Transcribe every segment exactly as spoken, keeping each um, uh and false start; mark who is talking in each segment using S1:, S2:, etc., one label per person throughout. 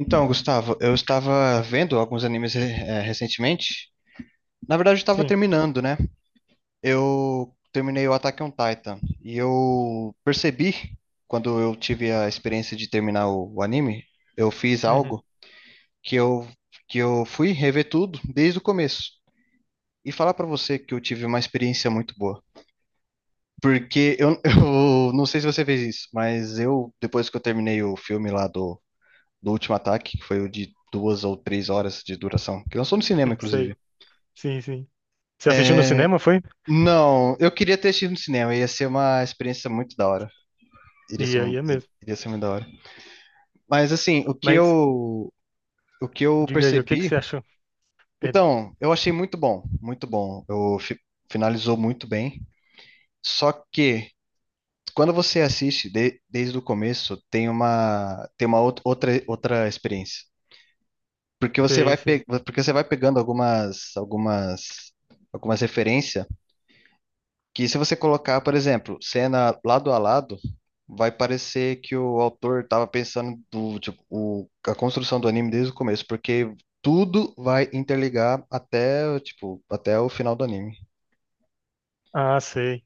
S1: Então, Gustavo, eu estava vendo alguns animes eh, recentemente. Na verdade, eu estava
S2: Sim.
S1: terminando, né? Eu terminei o Attack on Titan e eu percebi, quando eu tive a experiência de terminar o, o anime, eu fiz
S2: Uhum.
S1: algo que eu, que eu fui rever tudo desde o começo. E falar pra você que eu tive uma experiência muito boa. Porque eu, eu não sei se você fez isso, mas eu, depois que eu terminei o filme lá do do último ataque, que foi o de duas ou três horas de duração, que lançou no cinema,
S2: Hum,
S1: inclusive.
S2: sei. Sim, sim. Você assistiu no cinema, foi?
S1: Não, eu queria ter assistido no cinema, ia ser uma experiência muito da hora. Iria ser
S2: E aí
S1: muito,
S2: é mesmo.
S1: Iria ser muito da hora. Mas assim, o que
S2: Mas
S1: eu, o que eu
S2: diga aí, o que que
S1: percebi,
S2: você achou? Perdão.
S1: então, eu achei muito bom, muito bom. Eu fi- finalizou muito bem. Só que quando você assiste de- desde o começo, tem uma tem uma outra outra, outra experiência. Porque você
S2: Sei,
S1: vai
S2: sei.
S1: pe- porque você vai pegando algumas algumas algumas referências. Que se você colocar, por exemplo, cena lado a lado, vai parecer que o autor estava pensando do, tipo, o- a construção do anime desde o começo, porque tudo vai interligar até, tipo, até o final do anime.
S2: Ah, sei.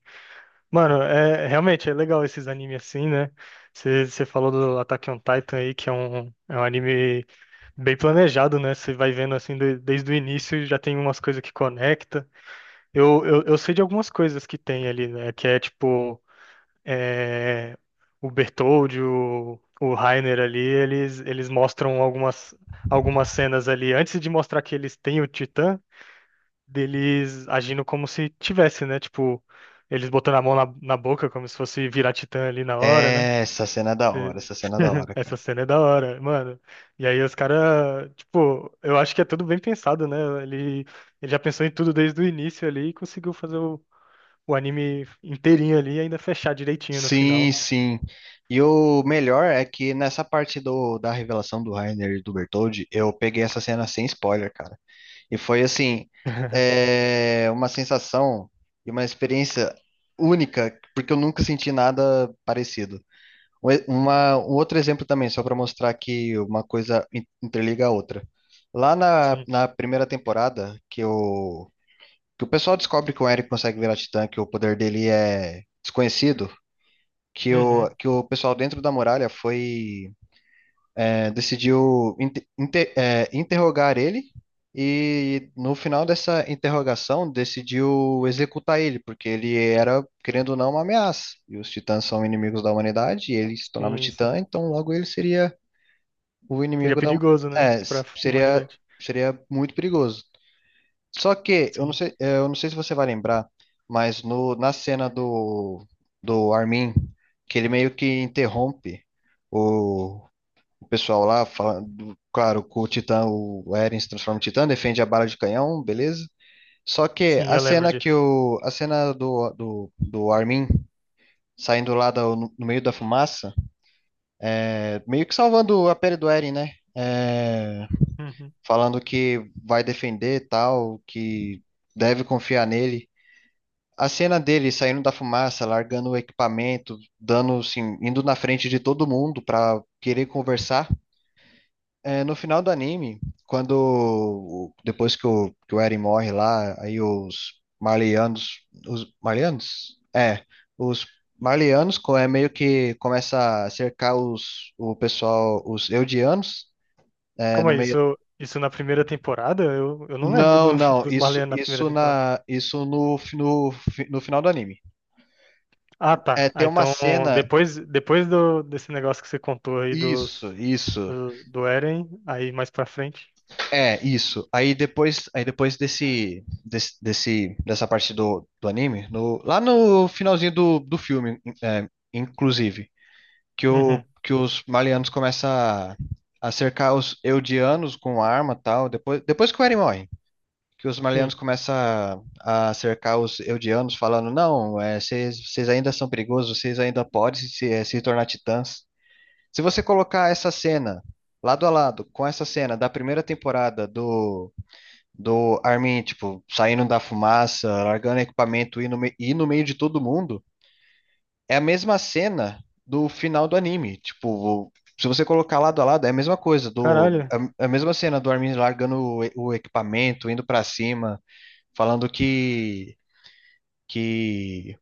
S2: Mano, é realmente é legal esses animes assim, né? Você você falou do Attack on Titan aí, que é um, é um anime bem planejado, né? Você vai vendo assim de- desde o início já tem umas coisas que conecta. Eu, eu, eu sei de algumas coisas que tem ali, né? Que é tipo é, o Bertoldi, o, o Rainer ali, eles, eles mostram algumas, algumas cenas ali, antes de mostrar que eles têm o Titã, deles agindo como se tivesse, né? Tipo, eles botando a mão na, na boca, como se fosse virar Titã ali na hora, né?
S1: É, essa cena é da
S2: Cê-
S1: hora, essa cena é da hora, cara.
S2: Essa cena é da hora, mano. E aí os caras, tipo, eu acho que é tudo bem pensado, né? Ele, ele já pensou em tudo desde o início ali e conseguiu fazer o, o anime inteirinho ali e ainda fechar direitinho no
S1: Sim,
S2: final.
S1: sim. E o melhor é que nessa parte do, da revelação do Rainer e do Bertoldi, eu peguei essa cena sem spoiler, cara. E foi assim, é, uma sensação e uma experiência única, porque eu nunca senti nada parecido. Um e- Uma, um outro exemplo também, só para mostrar que uma coisa in- interliga a outra. Lá na,
S2: Sim.
S1: na primeira temporada, que o, que o pessoal descobre que o Eric consegue virar titã, que o poder dele é desconhecido, que o,
S2: Uhum.
S1: que o pessoal dentro da muralha foi é, decidiu inte- inte- é, interrogar ele e no final dessa interrogação decidiu executar ele, porque ele era, querendo ou não, uma ameaça. E os titãs são inimigos da humanidade e ele se tornava
S2: Sim, sim.
S1: titã, então logo ele seria o
S2: Seria
S1: inimigo da...
S2: perigoso, né?
S1: É,
S2: Pra
S1: s- seria,
S2: humanidade.
S1: seria muito perigoso. Só que, eu não
S2: Sim.
S1: sei, é, eu não sei se você vai lembrar, mas no, na cena do, do Armin, que ele meio que interrompe o o pessoal lá falando, claro, com o Titã, o Eren se transforma em Titã, defende a bala de canhão, beleza? Só que
S2: Sim,
S1: a
S2: eu lembro
S1: cena que
S2: disso.
S1: o, a cena do, do, do Armin saindo lá da- no, no meio da fumaça, é, meio que salvando a pele do Eren, né? É,
S2: Uhum.
S1: falando que vai defender e tal, que deve confiar nele. A cena dele saindo da fumaça, largando o equipamento, dando, assim, indo na frente de todo mundo pra querer conversar. É, no final do anime, quando o- depois que o, que o Eren morre lá, aí os Marleyanos, os Marleyanos? É, os Marleyanos co- é meio que começa a cercar os o pessoal, os Eldianos, é,
S2: Calma
S1: no
S2: aí,
S1: meio.
S2: isso, isso na primeira temporada? Eu, eu não lembro
S1: Não,
S2: do-
S1: não,
S2: dos
S1: isso
S2: Marleyanos na primeira
S1: isso
S2: temporada.
S1: na isso no, fi- no, fi- no final do anime.
S2: Ah,
S1: É,
S2: tá.
S1: tem
S2: Ah,
S1: uma
S2: então,
S1: cena,
S2: depois, depois do, desse negócio que você contou aí
S1: isso,
S2: dos,
S1: isso.
S2: do, do Eren, aí mais pra frente.
S1: É, isso. Aí depois, aí depois desse, desse, desse- dessa parte do, do anime, no- lá no finalzinho do, do filme, é, inclusive, que, o,
S2: Uhum.
S1: que os malianos começam a, a cercar os eudianos com arma e tal, depois, depois que o Eren morre, que os malianos
S2: Sim.
S1: começam a, a cercar os eudianos falando, não, é, vocês vocês ainda são perigosos, vocês ainda podem se, eh, se tornar titãs. Se você colocar essa cena lado a lado com essa cena da primeira temporada do do Armin, tipo, saindo da fumaça, largando equipamento e ir no, me- e no meio de todo mundo, é a mesma cena do final do anime. Tipo, se você colocar lado a lado, é a mesma coisa, do,
S2: Caralho.
S1: é é a mesma cena do Armin largando o, e- o equipamento, indo pra cima, falando que que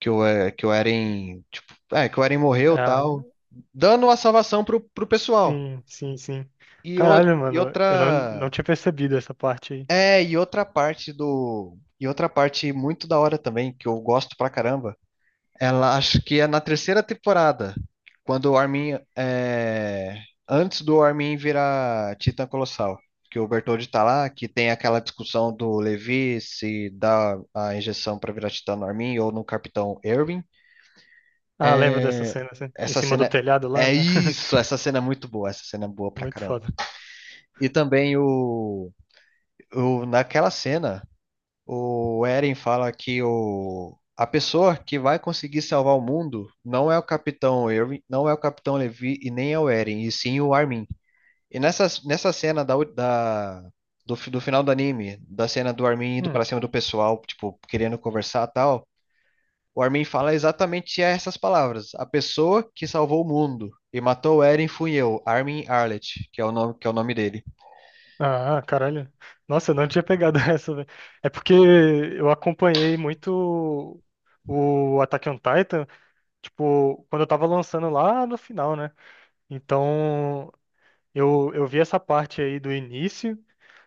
S1: que o, é que o Eren, tipo, é, que o Eren morreu,
S2: Ah,
S1: tal, dando a salvação pro, pro pessoal.
S2: sim, sim, sim.
S1: E, o-
S2: Caralho,
S1: e
S2: mano. Eu não, não
S1: outra
S2: tinha percebido essa parte aí.
S1: É, e outra parte do. E outra parte muito da hora também, que eu gosto pra caramba, ela acho que é na terceira temporada, quando o Armin. É, antes do Armin virar Titã Colossal, que o Bertoldi tá lá, que tem aquela discussão do Levi se dá a injeção pra virar Titã no Armin ou no Capitão Erwin.
S2: Ah, lembro dessa
S1: É,
S2: cena, assim, em
S1: essa
S2: cima do
S1: cena.
S2: telhado lá,
S1: É
S2: né?
S1: isso, essa cena é muito boa, essa cena é boa pra
S2: Muito
S1: caramba.
S2: foda.
S1: E também o, o naquela cena. O Eren fala que o, a pessoa que vai conseguir salvar o mundo não é o Capitão Irving, não é o Capitão Levi e nem é o Eren, e sim o Armin. E nessa, nessa cena da, da- do, fi- do final do anime, da cena do Armin indo
S2: Hum.
S1: pra cima do pessoal, tipo, querendo conversar e tal, o Armin fala exatamente essas palavras. A pessoa que salvou o mundo e matou o Eren fui eu, Armin Arlet, que é o nome, que é o nome dele.
S2: Ah, caralho. Nossa, eu não tinha pegado essa, velho. É porque eu acompanhei muito o Attack on Titan, tipo, quando eu tava lançando lá no final, né? Então, eu, eu vi essa parte aí do início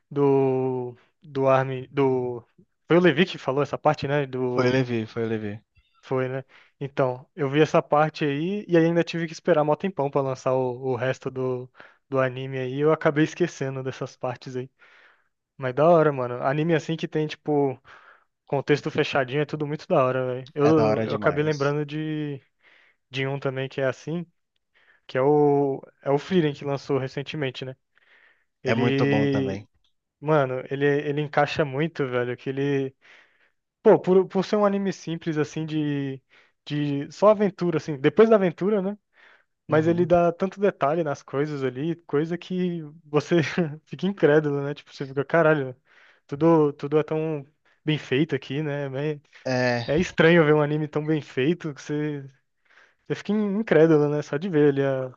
S2: do, do Armin, do... Foi o Levi que falou essa parte, né?
S1: Foi o
S2: Do...
S1: Levi, foi o Levi.
S2: Foi, né? Então, eu vi essa parte aí e ainda tive que esperar mó tempão pra lançar o, o resto do, do anime aí. Eu acabei esquecendo dessas partes aí. Mas da hora, mano. Anime assim que tem, tipo, contexto fechadinho é tudo muito da hora, velho.
S1: É da
S2: Eu,
S1: hora
S2: eu acabei
S1: demais.
S2: lembrando de, de um também que é assim, que é o, é o Frieren que lançou recentemente, né?
S1: É muito bom
S2: Ele,
S1: também.
S2: mano, ele, ele encaixa muito, velho, que ele... Pô, por, por ser um anime simples, assim, de, de só aventura, assim, depois da aventura, né? Mas ele
S1: Uhum.
S2: dá tanto detalhe nas coisas ali, coisa que você fica incrédulo, né? Tipo, você fica, caralho, tudo, tudo é tão bem feito aqui, né? É
S1: É,
S2: é estranho ver um anime tão bem feito que você, você fica incrédulo, né? Só de ver ali a,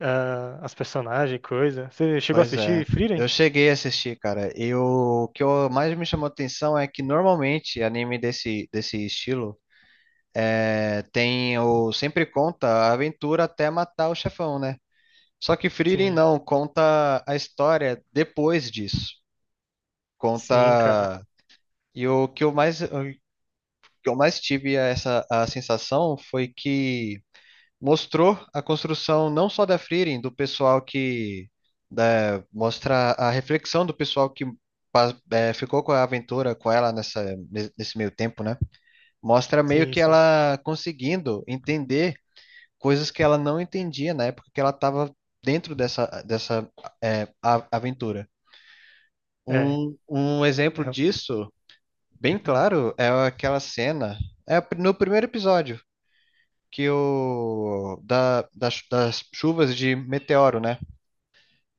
S2: a- as personagens, coisa. Você chegou a
S1: pois é.
S2: assistir Frieren?
S1: Eu cheguei a assistir, cara. E o que eu- mais me chamou atenção é que normalmente anime desse, desse estilo é, tem o sempre conta a aventura até matar o chefão, né? Só que Frieren
S2: Sim,
S1: não, conta a história depois disso.
S2: sim, cara.
S1: Conta. E o que eu mais, o que eu mais tive essa a sensação foi que mostrou a construção não só da Frieren, do pessoal que né, mostra a reflexão do pessoal que pa- eh, ficou com a aventura com ela nessa, nesse meio tempo, né? Mostra meio
S2: Sim,
S1: que
S2: sim.
S1: ela conseguindo entender coisas que ela não entendia na época que ela estava dentro dessa, dessa eh, a- aventura.
S2: É,
S1: Um, um exemplo
S2: é.
S1: disso, bem
S2: Hum.
S1: claro, é aquela cena, é no primeiro episódio que o da, das, das chuvas de meteoro, né?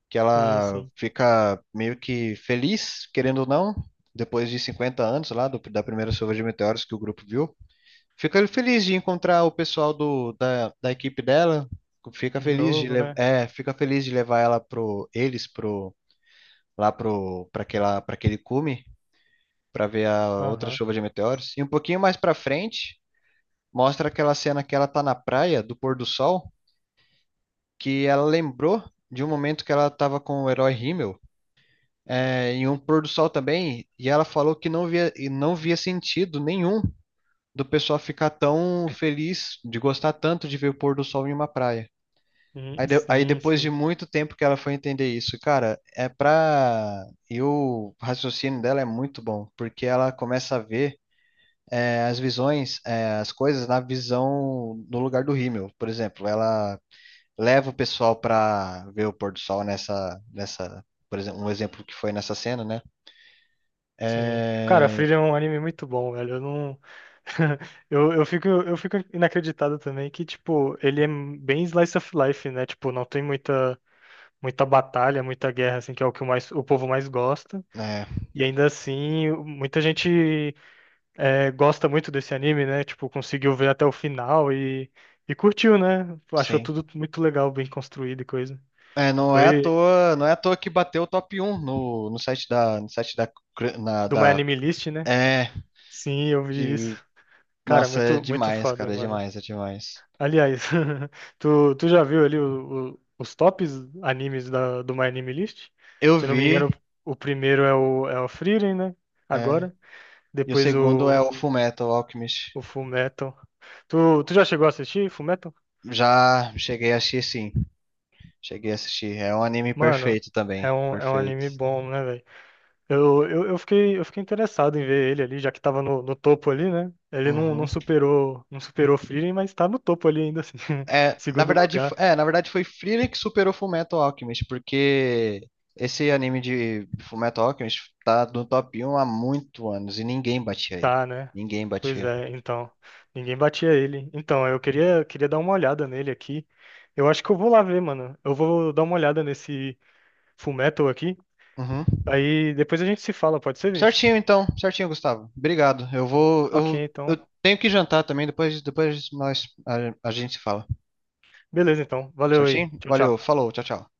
S1: Que
S2: Sim,
S1: ela
S2: sim.
S1: fica meio que feliz, querendo ou não, depois de cinquenta anos lá do- da primeira chuva de meteoros que o grupo viu. Fica feliz de encontrar o pessoal do, da, da equipe dela, fica
S2: De
S1: feliz de
S2: novo,
S1: le-
S2: né?
S1: é, fica feliz de levar ela pro eles pro lá pro para aquela para aquele cume para ver a outra
S2: Aham.
S1: chuva de meteoros. E um pouquinho mais para frente, mostra aquela cena que ela tá na praia do pôr do sol que ela lembrou de um momento que ela estava com o herói Himmel, é, em um pôr do sol também, e ela falou que não via, não via sentido nenhum do pessoal ficar tão feliz, de gostar tanto de ver o pôr do sol em uma praia. Aí,
S2: Sim,
S1: de- aí
S2: sim,
S1: depois de
S2: sim.
S1: muito tempo que ela foi entender isso, cara, é pra. E o raciocínio dela é muito bom, porque ela começa a ver é, as visões, é, as coisas na visão no lugar do Himmel, por exemplo. Ela leva o pessoal para ver o pôr do sol nessa, nessa, por exemplo, um exemplo que foi nessa cena, né?
S2: Sim. Cara,
S1: É,
S2: Frieren é um anime muito bom, velho. Eu não. Eu, eu fico, eu fico inacreditado também que, tipo, ele é bem slice of life, né? Tipo, não tem muita, muita batalha, muita guerra, assim, que é o que o mais, o povo mais gosta.
S1: é,
S2: E ainda assim, muita gente é, gosta muito desse anime, né? Tipo, conseguiu ver até o final e, e curtiu, né? Achou
S1: sim.
S2: tudo muito legal, bem construído e coisa.
S1: É, não é à
S2: Foi
S1: toa, não é à toa que bateu o top um no, no site da, no site da, cr- na-
S2: do My
S1: da,
S2: Anime List, né?
S1: é,
S2: Sim, eu vi isso.
S1: que,
S2: Cara,
S1: nossa, é
S2: muito, muito
S1: demais,
S2: foda,
S1: cara, é
S2: mano.
S1: demais, é demais.
S2: Aliás, tu, tu já viu ali o- o- os tops animes da, do My Anime List?
S1: Eu
S2: Se eu não me
S1: vi,
S2: engano, o primeiro é o, é o Frieren, né?
S1: é,
S2: Agora.
S1: e o
S2: Depois
S1: segundo é
S2: o,
S1: o Fullmetal Alchemist.
S2: o Fullmetal. Tu, tu já chegou a assistir Fullmetal?
S1: Já cheguei a assistir, sim, cheguei a assistir. É um anime
S2: Mano,
S1: perfeito
S2: é
S1: também,
S2: um, é um
S1: perfeito.
S2: anime bom, né, velho? Eu, eu, eu fiquei, eu fiquei interessado em ver ele ali, já que tava no, no topo ali, né? Ele não, não
S1: Uhum.
S2: superou, não superou Frieren, mas tá no topo ali ainda assim,
S1: É, na
S2: segundo
S1: verdade, f-
S2: lugar.
S1: é, na verdade foi Frieren que superou Fullmetal Alchemist, porque esse anime de Fullmetal Alchemist tá no top um há muito anos e ninguém batia ele.
S2: Tá, né?
S1: Ninguém
S2: Pois
S1: batia.
S2: é, então. Ninguém batia ele. Então, eu queria, queria dar uma olhada nele aqui. Eu acho que eu vou lá ver, mano. Eu vou dar uma olhada nesse Fullmetal aqui.
S1: Uhum.
S2: Aí depois a gente se fala, pode ser, Vinícius?
S1: Certinho então, certinho, Gustavo. Obrigado. Eu vou,
S2: Ok,
S1: eu, eu
S2: então.
S1: tenho que jantar também, depois, depois nós a, a gente se fala.
S2: Beleza, então. Valeu aí.
S1: Certinho?
S2: Tchau,
S1: Valeu,
S2: tchau.
S1: falou, tchau, tchau.